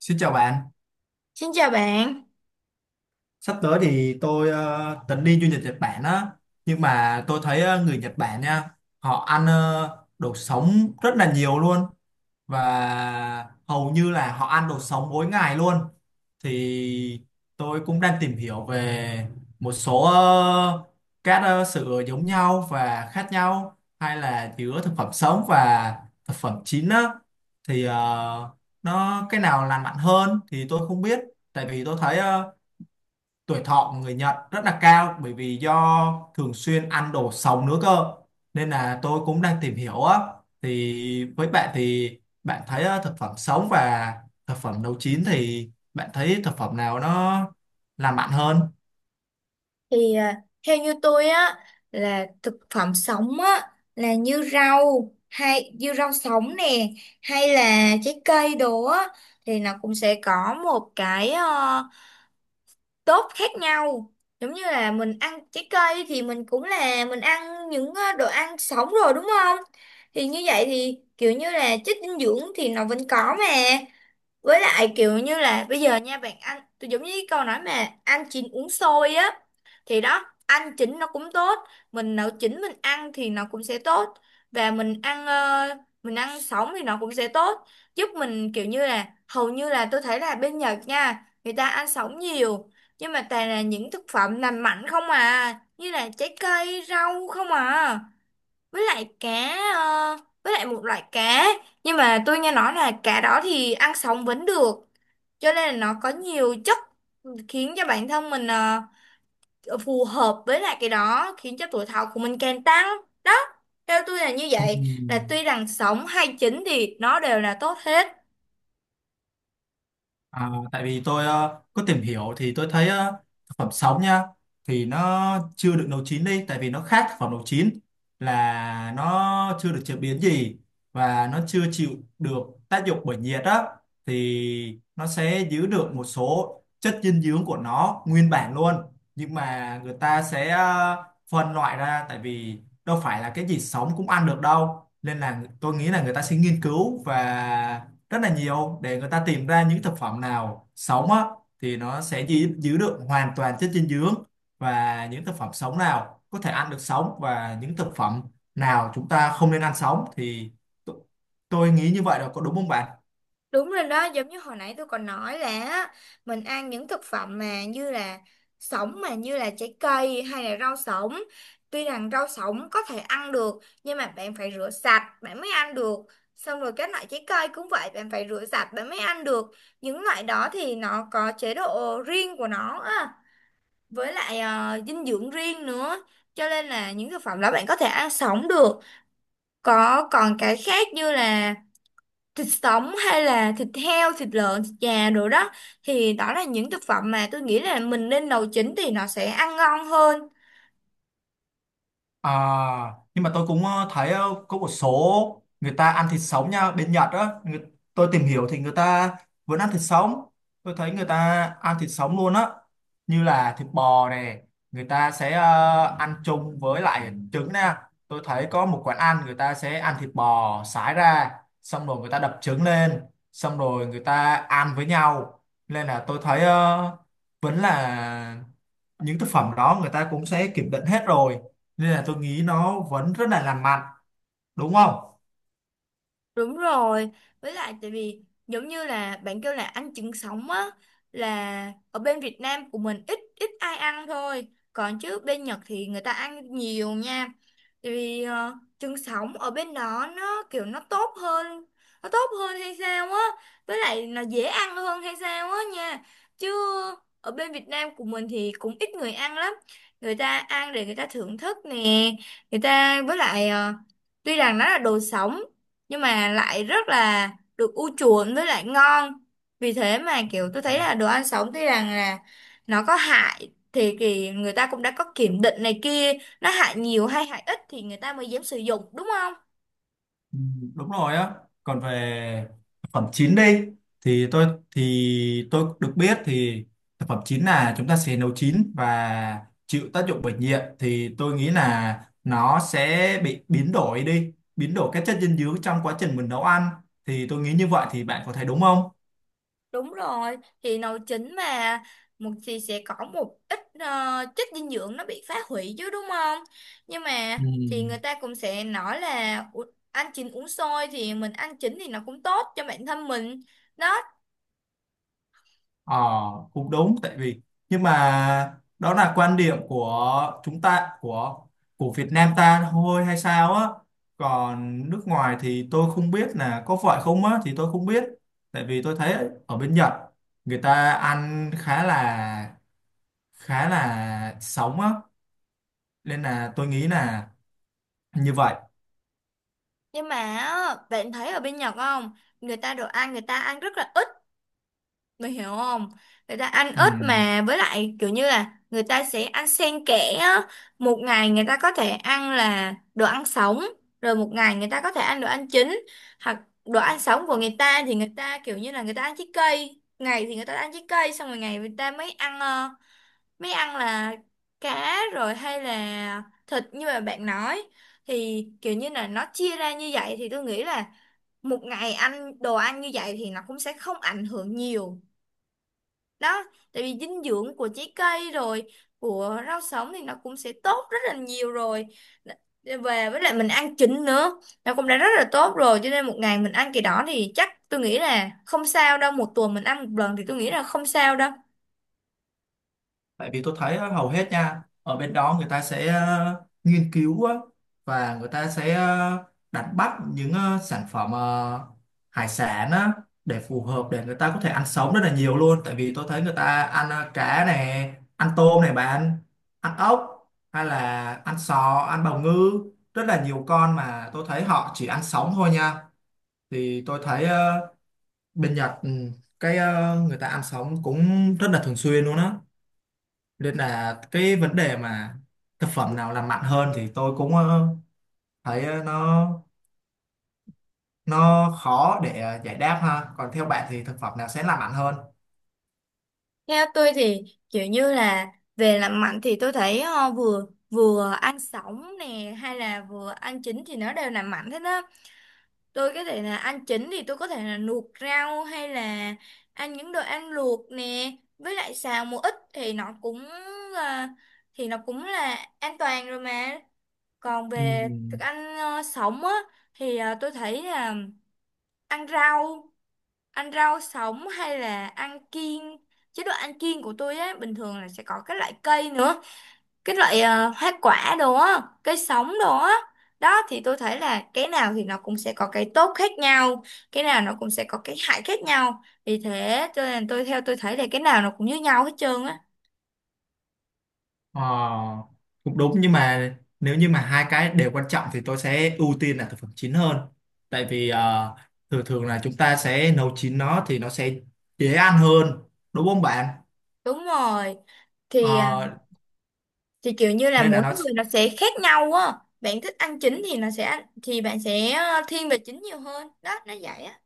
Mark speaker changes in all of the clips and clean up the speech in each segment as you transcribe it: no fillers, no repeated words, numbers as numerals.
Speaker 1: Xin chào bạn,
Speaker 2: Xin chào bạn.
Speaker 1: sắp tới thì tôi tính đi du lịch Nhật Bản á, nhưng mà tôi thấy người Nhật Bản nha, họ ăn đồ sống rất là nhiều luôn và hầu như là họ ăn đồ sống mỗi ngày luôn. Thì tôi cũng đang tìm hiểu về một số các sự giống nhau và khác nhau hay là giữa thực phẩm sống và thực phẩm chín á, thì nó cái nào lành mạnh hơn thì tôi không biết, tại vì tôi thấy tuổi thọ của người Nhật rất là cao bởi vì do thường xuyên ăn đồ sống nữa cơ, nên là tôi cũng đang tìm hiểu á. Thì với bạn thì bạn thấy thực phẩm sống và thực phẩm nấu chín thì bạn thấy thực phẩm nào nó làm mặn hơn?
Speaker 2: Thì à, theo như tôi á là thực phẩm sống á là như rau hay như rau sống nè hay là trái cây đồ á thì nó cũng sẽ có một cái tốt khác nhau. Giống như là mình ăn trái cây thì mình cũng là mình ăn những đồ ăn sống rồi đúng không? Thì như vậy thì kiểu như là chất dinh dưỡng thì nó vẫn có mà. Với lại kiểu như là bây giờ nha bạn ăn tôi giống như cái câu nói mà ăn chín uống sôi á, thì đó ăn chín nó cũng tốt, mình nấu chín mình ăn thì nó cũng sẽ tốt, và mình ăn sống thì nó cũng sẽ tốt, giúp mình kiểu như là hầu như là tôi thấy là bên Nhật nha người ta ăn sống nhiều, nhưng mà toàn là những thực phẩm làm mạnh không à, như là trái cây rau không à, với lại với lại một loại cá, nhưng mà tôi nghe nói là cá đó thì ăn sống vẫn được, cho nên là nó có nhiều chất khiến cho bản thân mình phù hợp với lại cái đó, khiến cho tuổi thọ của mình càng tăng đó. Theo tôi là như
Speaker 1: Ừ.
Speaker 2: vậy, là tuy rằng sống hay chín thì nó đều là tốt hết.
Speaker 1: À, tại vì tôi có tìm hiểu thì tôi thấy thực phẩm sống nha, thì nó chưa được nấu chín đi, tại vì nó khác thực phẩm nấu chín là nó chưa được chế biến gì và nó chưa chịu được tác dụng bởi nhiệt á, thì nó sẽ giữ được một số chất dinh dưỡng của nó nguyên bản luôn. Nhưng mà người ta sẽ phân loại ra, tại vì đâu phải là cái gì sống cũng ăn được đâu, nên là tôi nghĩ là người ta sẽ nghiên cứu và rất là nhiều để người ta tìm ra những thực phẩm nào sống á thì nó sẽ giữ được hoàn toàn chất dinh dưỡng, và những thực phẩm sống nào có thể ăn được sống và những thực phẩm nào chúng ta không nên ăn sống thì t- tôi nghĩ như vậy là có đúng không bạn?
Speaker 2: Đúng rồi đó, giống như hồi nãy tôi còn nói là á, mình ăn những thực phẩm mà như là sống, mà như là trái cây hay là rau sống. Tuy rằng rau sống có thể ăn được nhưng mà bạn phải rửa sạch bạn mới ăn được. Xong rồi các loại trái cây cũng vậy, bạn phải rửa sạch bạn mới ăn được. Những loại đó thì nó có chế độ riêng của nó á, với lại dinh dưỡng riêng nữa. Cho nên là những thực phẩm đó bạn có thể ăn sống được. Có còn cái khác như là thịt sống hay là thịt heo, thịt lợn, thịt gà rồi đó, thì đó là những thực phẩm mà tôi nghĩ là mình nên nấu chín thì nó sẽ ăn ngon hơn.
Speaker 1: À, nhưng mà tôi cũng thấy có một số người ta ăn thịt sống nha, bên Nhật á người, tôi tìm hiểu thì người ta vẫn ăn thịt sống, tôi thấy người ta ăn thịt sống luôn á, như là thịt bò này, người ta sẽ ăn chung với lại trứng nè. Tôi thấy có một quán ăn người ta sẽ ăn thịt bò sải ra, xong rồi người ta đập trứng lên, xong rồi người ta ăn với nhau, nên là tôi thấy vẫn là những thực phẩm đó người ta cũng sẽ kiểm định hết rồi, nên là tôi nghĩ nó vẫn rất là lành mạnh, đúng không?
Speaker 2: Đúng rồi, với lại tại vì giống như là bạn kêu là ăn trứng sống á, là ở bên Việt Nam của mình ít ít ai ăn thôi, còn chứ bên Nhật thì người ta ăn nhiều nha. Tại vì trứng sống ở bên đó nó kiểu nó tốt hơn hay sao á, với lại nó dễ ăn hơn hay sao á nha. Chứ ở bên Việt Nam của mình thì cũng ít người ăn lắm. Người ta ăn để người ta thưởng thức nè, người ta với lại ờ, tuy rằng nó là đồ sống nhưng mà lại rất là được ưu chuộng với lại ngon. Vì thế mà kiểu tôi thấy là đồ ăn sống tuy rằng là nó có hại, thì người ta cũng đã có kiểm định này kia, nó hại nhiều hay hại ít thì người ta mới dám sử dụng, đúng không?
Speaker 1: Ừ, đúng rồi á. Còn về thực phẩm chín đi thì tôi được biết thì thực phẩm chín là chúng ta sẽ nấu chín và chịu tác dụng bởi nhiệt, thì tôi nghĩ là nó sẽ bị biến đổi đi, biến đổi các chất dinh dưỡng trong quá trình mình nấu ăn. Thì tôi nghĩ như vậy, thì bạn có thấy đúng không?
Speaker 2: Đúng rồi, thì nấu chín mà, một thì sẽ có một ít chất dinh dưỡng nó bị phá hủy chứ, đúng không? Nhưng mà
Speaker 1: Ừ.
Speaker 2: thì người ta cũng sẽ nói là "Ủa, ăn chín uống sôi thì mình ăn chín thì nó cũng tốt cho bản thân mình đó."
Speaker 1: Ờ, cũng đúng. Tại vì nhưng mà đó là quan điểm của chúng ta, của Việt Nam ta thôi hay sao á, còn nước ngoài thì tôi không biết là có phải không á, thì tôi không biết. Tại vì tôi thấy ở bên Nhật người ta ăn khá là sống á, nên là tôi nghĩ là như vậy.
Speaker 2: Nhưng mà á, bạn thấy ở bên Nhật không? Người ta đồ ăn người ta ăn rất là ít, mày hiểu không? Người ta ăn
Speaker 1: Ừ.
Speaker 2: ít mà với lại kiểu như là người ta sẽ ăn xen kẽ á. Một ngày người ta có thể ăn là đồ ăn sống, rồi một ngày người ta có thể ăn đồ ăn chín. Hoặc đồ ăn sống của người ta thì người ta kiểu như là người ta ăn trái cây, ngày thì người ta ăn trái cây xong rồi ngày người ta mới ăn là cá rồi hay là thịt như mà bạn nói, thì kiểu như là nó chia ra như vậy thì tôi nghĩ là một ngày ăn đồ ăn như vậy thì nó cũng sẽ không ảnh hưởng nhiều đó. Tại vì dinh dưỡng của trái cây rồi của rau sống thì nó cũng sẽ tốt rất là nhiều rồi. Để về với lại mình ăn trứng nữa, nó cũng đã rất là tốt rồi, cho nên một ngày mình ăn cái đó thì chắc tôi nghĩ là không sao đâu, một tuần mình ăn một lần thì tôi nghĩ là không sao đâu.
Speaker 1: Tại vì tôi thấy á, hầu hết nha, ở bên đó người ta sẽ nghiên cứu á, và người ta sẽ đánh bắt những sản phẩm, hải sản á, để phù hợp để người ta có thể ăn sống rất là nhiều luôn. Tại vì tôi thấy người ta ăn cá này, ăn tôm này bạn, ăn ốc hay là ăn sò, ăn bào ngư, rất là nhiều con mà tôi thấy họ chỉ ăn sống thôi nha. Thì tôi thấy bên Nhật ừ, cái người ta ăn sống cũng rất là thường xuyên luôn á, nên là cái vấn đề mà thực phẩm nào làm mặn hơn thì tôi cũng thấy nó khó để giải đáp ha. Còn theo bạn thì thực phẩm nào sẽ làm mặn hơn?
Speaker 2: Theo tôi thì kiểu như là về làm mạnh thì tôi thấy ờ, vừa vừa ăn sống nè hay là vừa ăn chín thì nó đều làm mạnh hết đó. Tôi có thể là ăn chín thì tôi có thể là luộc rau hay là ăn những đồ ăn luộc nè, với lại xào một ít thì là, nó cũng là an toàn rồi mà. Còn
Speaker 1: Ừ,
Speaker 2: về thức ăn sống á, thì tôi thấy là ăn rau ăn rau sống hay là ăn kiêng, chế độ ăn kiêng của tôi á bình thường là sẽ có các loại cây nữa, cái loại hoa quả đồ á cây sống đồ á, đó thì tôi thấy là cái nào thì nó cũng sẽ có cái tốt khác nhau, cái nào nó cũng sẽ có cái hại khác nhau. Vì thế cho nên theo tôi thấy là cái nào nó cũng như nhau hết trơn á.
Speaker 1: ờ, cũng đúng, nhưng mà nếu như mà hai cái đều quan trọng thì tôi sẽ ưu tiên là thực phẩm chín hơn, tại vì thường thường là chúng ta sẽ nấu chín nó thì nó sẽ dễ ăn hơn, đúng không bạn?
Speaker 2: Đúng rồi, thì à,
Speaker 1: Ờ,
Speaker 2: thì kiểu như là
Speaker 1: nên là
Speaker 2: mỗi
Speaker 1: nó.
Speaker 2: người nó sẽ khác nhau á. Bạn thích ăn chín thì nó sẽ ăn thì bạn sẽ thiên về chín nhiều hơn đó, nó vậy á.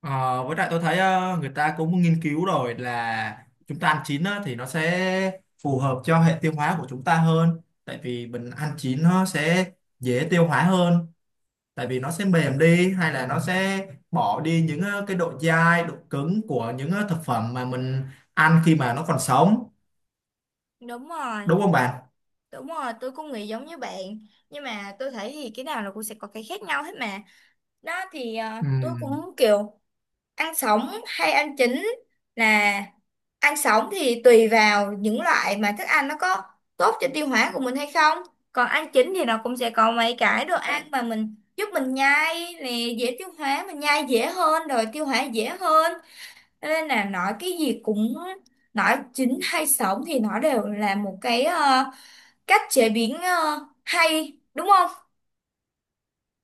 Speaker 1: Ờ, với lại tôi thấy người ta cũng nghiên cứu rồi là chúng ta ăn chín á, thì nó sẽ phù hợp cho hệ tiêu hóa của chúng ta hơn, tại vì mình ăn chín nó sẽ dễ tiêu hóa hơn, tại vì nó sẽ mềm đi hay là nó sẽ bỏ đi những cái độ dai độ cứng của những thực phẩm mà mình ăn khi mà nó còn sống,
Speaker 2: Đúng rồi,
Speaker 1: đúng không bạn?
Speaker 2: đúng rồi, tôi cũng nghĩ giống như bạn, nhưng mà tôi thấy thì cái nào nó cũng sẽ có cái khác nhau hết mà. Đó thì
Speaker 1: Ừ.
Speaker 2: tôi cũng kiểu ăn sống hay ăn chín, là ăn sống thì tùy vào những loại mà thức ăn nó có tốt cho tiêu hóa của mình hay không, còn ăn chín thì nó cũng sẽ có mấy cái đồ ăn mà mình giúp mình nhai nè, dễ tiêu hóa, mình nhai dễ hơn rồi tiêu hóa dễ hơn. Cho nên là nói cái gì cũng nói chín hay sống thì nó đều là một cái cách chế biến hay, đúng không?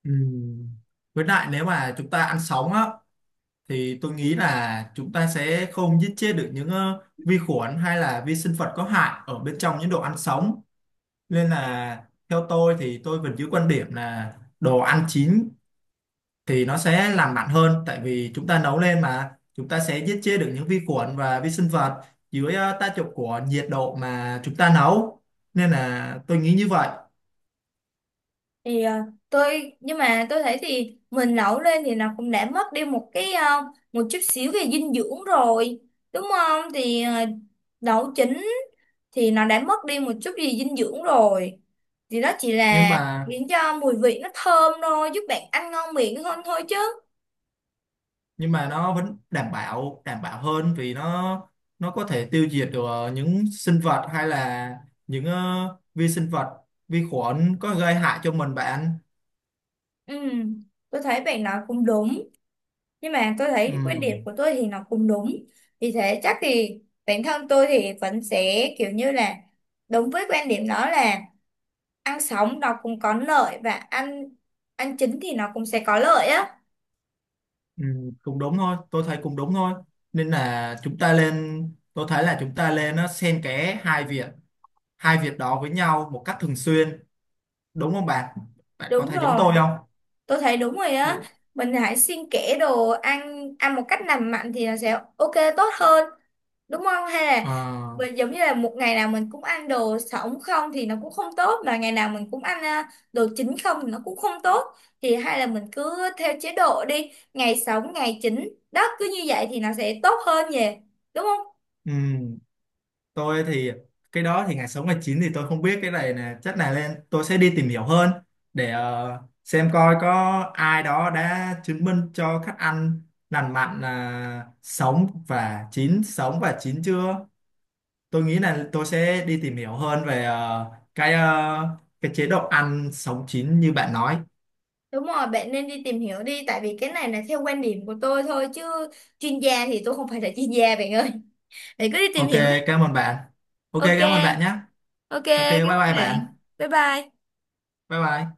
Speaker 1: Ừ. Với lại nếu mà chúng ta ăn sống á, thì tôi nghĩ là chúng ta sẽ không giết chết được những vi khuẩn hay là vi sinh vật có hại ở bên trong những đồ ăn sống, nên là theo tôi thì tôi vẫn giữ quan điểm là đồ ăn chín thì nó sẽ làm mặn hơn, tại vì chúng ta nấu lên mà chúng ta sẽ giết chết được những vi khuẩn và vi sinh vật dưới tác dụng của nhiệt độ mà chúng ta nấu, nên là tôi nghĩ như vậy.
Speaker 2: Thì ờ, tôi nhưng mà tôi thấy thì mình nấu lên thì nó cũng đã mất đi một cái một chút xíu về dinh dưỡng rồi, đúng không? Thì nấu chín thì nó đã mất đi một chút gì dinh dưỡng rồi, thì đó chỉ
Speaker 1: nhưng
Speaker 2: là
Speaker 1: mà
Speaker 2: khiến cho mùi vị nó thơm thôi, giúp bạn ăn ngon miệng hơn thôi chứ.
Speaker 1: nhưng mà nó vẫn đảm bảo hơn vì nó có thể tiêu diệt được những sinh vật hay là những vi sinh vật, vi khuẩn có gây hại cho mình bạn.
Speaker 2: Ừ, tôi thấy bạn nói cũng đúng, nhưng mà tôi
Speaker 1: Ừ,
Speaker 2: thấy quan điểm của tôi thì nó cũng đúng. Vì thế chắc thì bản thân tôi thì vẫn sẽ kiểu như là đúng với quan điểm đó, là ăn sống nó cũng có lợi, và ăn ăn chín thì nó cũng sẽ có lợi á.
Speaker 1: ừ, cũng đúng thôi, tôi thấy cũng đúng thôi, nên là chúng ta lên, tôi thấy là chúng ta lên nó xen kẽ hai việc đó với nhau một cách thường xuyên, đúng không bạn? Bạn có
Speaker 2: Đúng
Speaker 1: thấy giống
Speaker 2: rồi,
Speaker 1: tôi không?
Speaker 2: tôi thấy đúng rồi á.
Speaker 1: Ừ,
Speaker 2: Mình hãy xuyên kẽ đồ ăn ăn một cách lành mạnh thì nó sẽ ok tốt hơn, đúng không? Hay là
Speaker 1: ờ,
Speaker 2: mình giống như là một ngày nào mình cũng ăn đồ sống không thì nó cũng không tốt, mà ngày nào mình cũng ăn à, đồ chín không thì nó cũng không tốt, thì hay là mình cứ theo chế độ đi ngày sống ngày chín, đó cứ như vậy thì nó sẽ tốt hơn nhỉ, đúng không?
Speaker 1: ừ. Tôi thì cái đó thì ngày sống ngày chín thì tôi không biết cái này nè, chắc là lên tôi sẽ đi tìm hiểu hơn để xem coi có ai đó đã chứng minh cho khách ăn lành mạnh là sống và chín, sống và chín chưa. Tôi nghĩ là tôi sẽ đi tìm hiểu hơn về cái cái chế độ ăn sống chín như bạn nói.
Speaker 2: Đúng rồi, bạn nên đi tìm hiểu đi. Tại vì cái này là theo quan điểm của tôi thôi, chứ chuyên gia thì tôi không phải là chuyên gia bạn ơi. Bạn cứ đi tìm
Speaker 1: Ok,
Speaker 2: hiểu hết.
Speaker 1: cảm ơn bạn. Ok,
Speaker 2: Ok,
Speaker 1: cảm ơn bạn nhé.
Speaker 2: ok,
Speaker 1: Ok, bye
Speaker 2: cảm ơn
Speaker 1: bye
Speaker 2: bạn.
Speaker 1: bạn.
Speaker 2: Bye bye.
Speaker 1: Bye bye.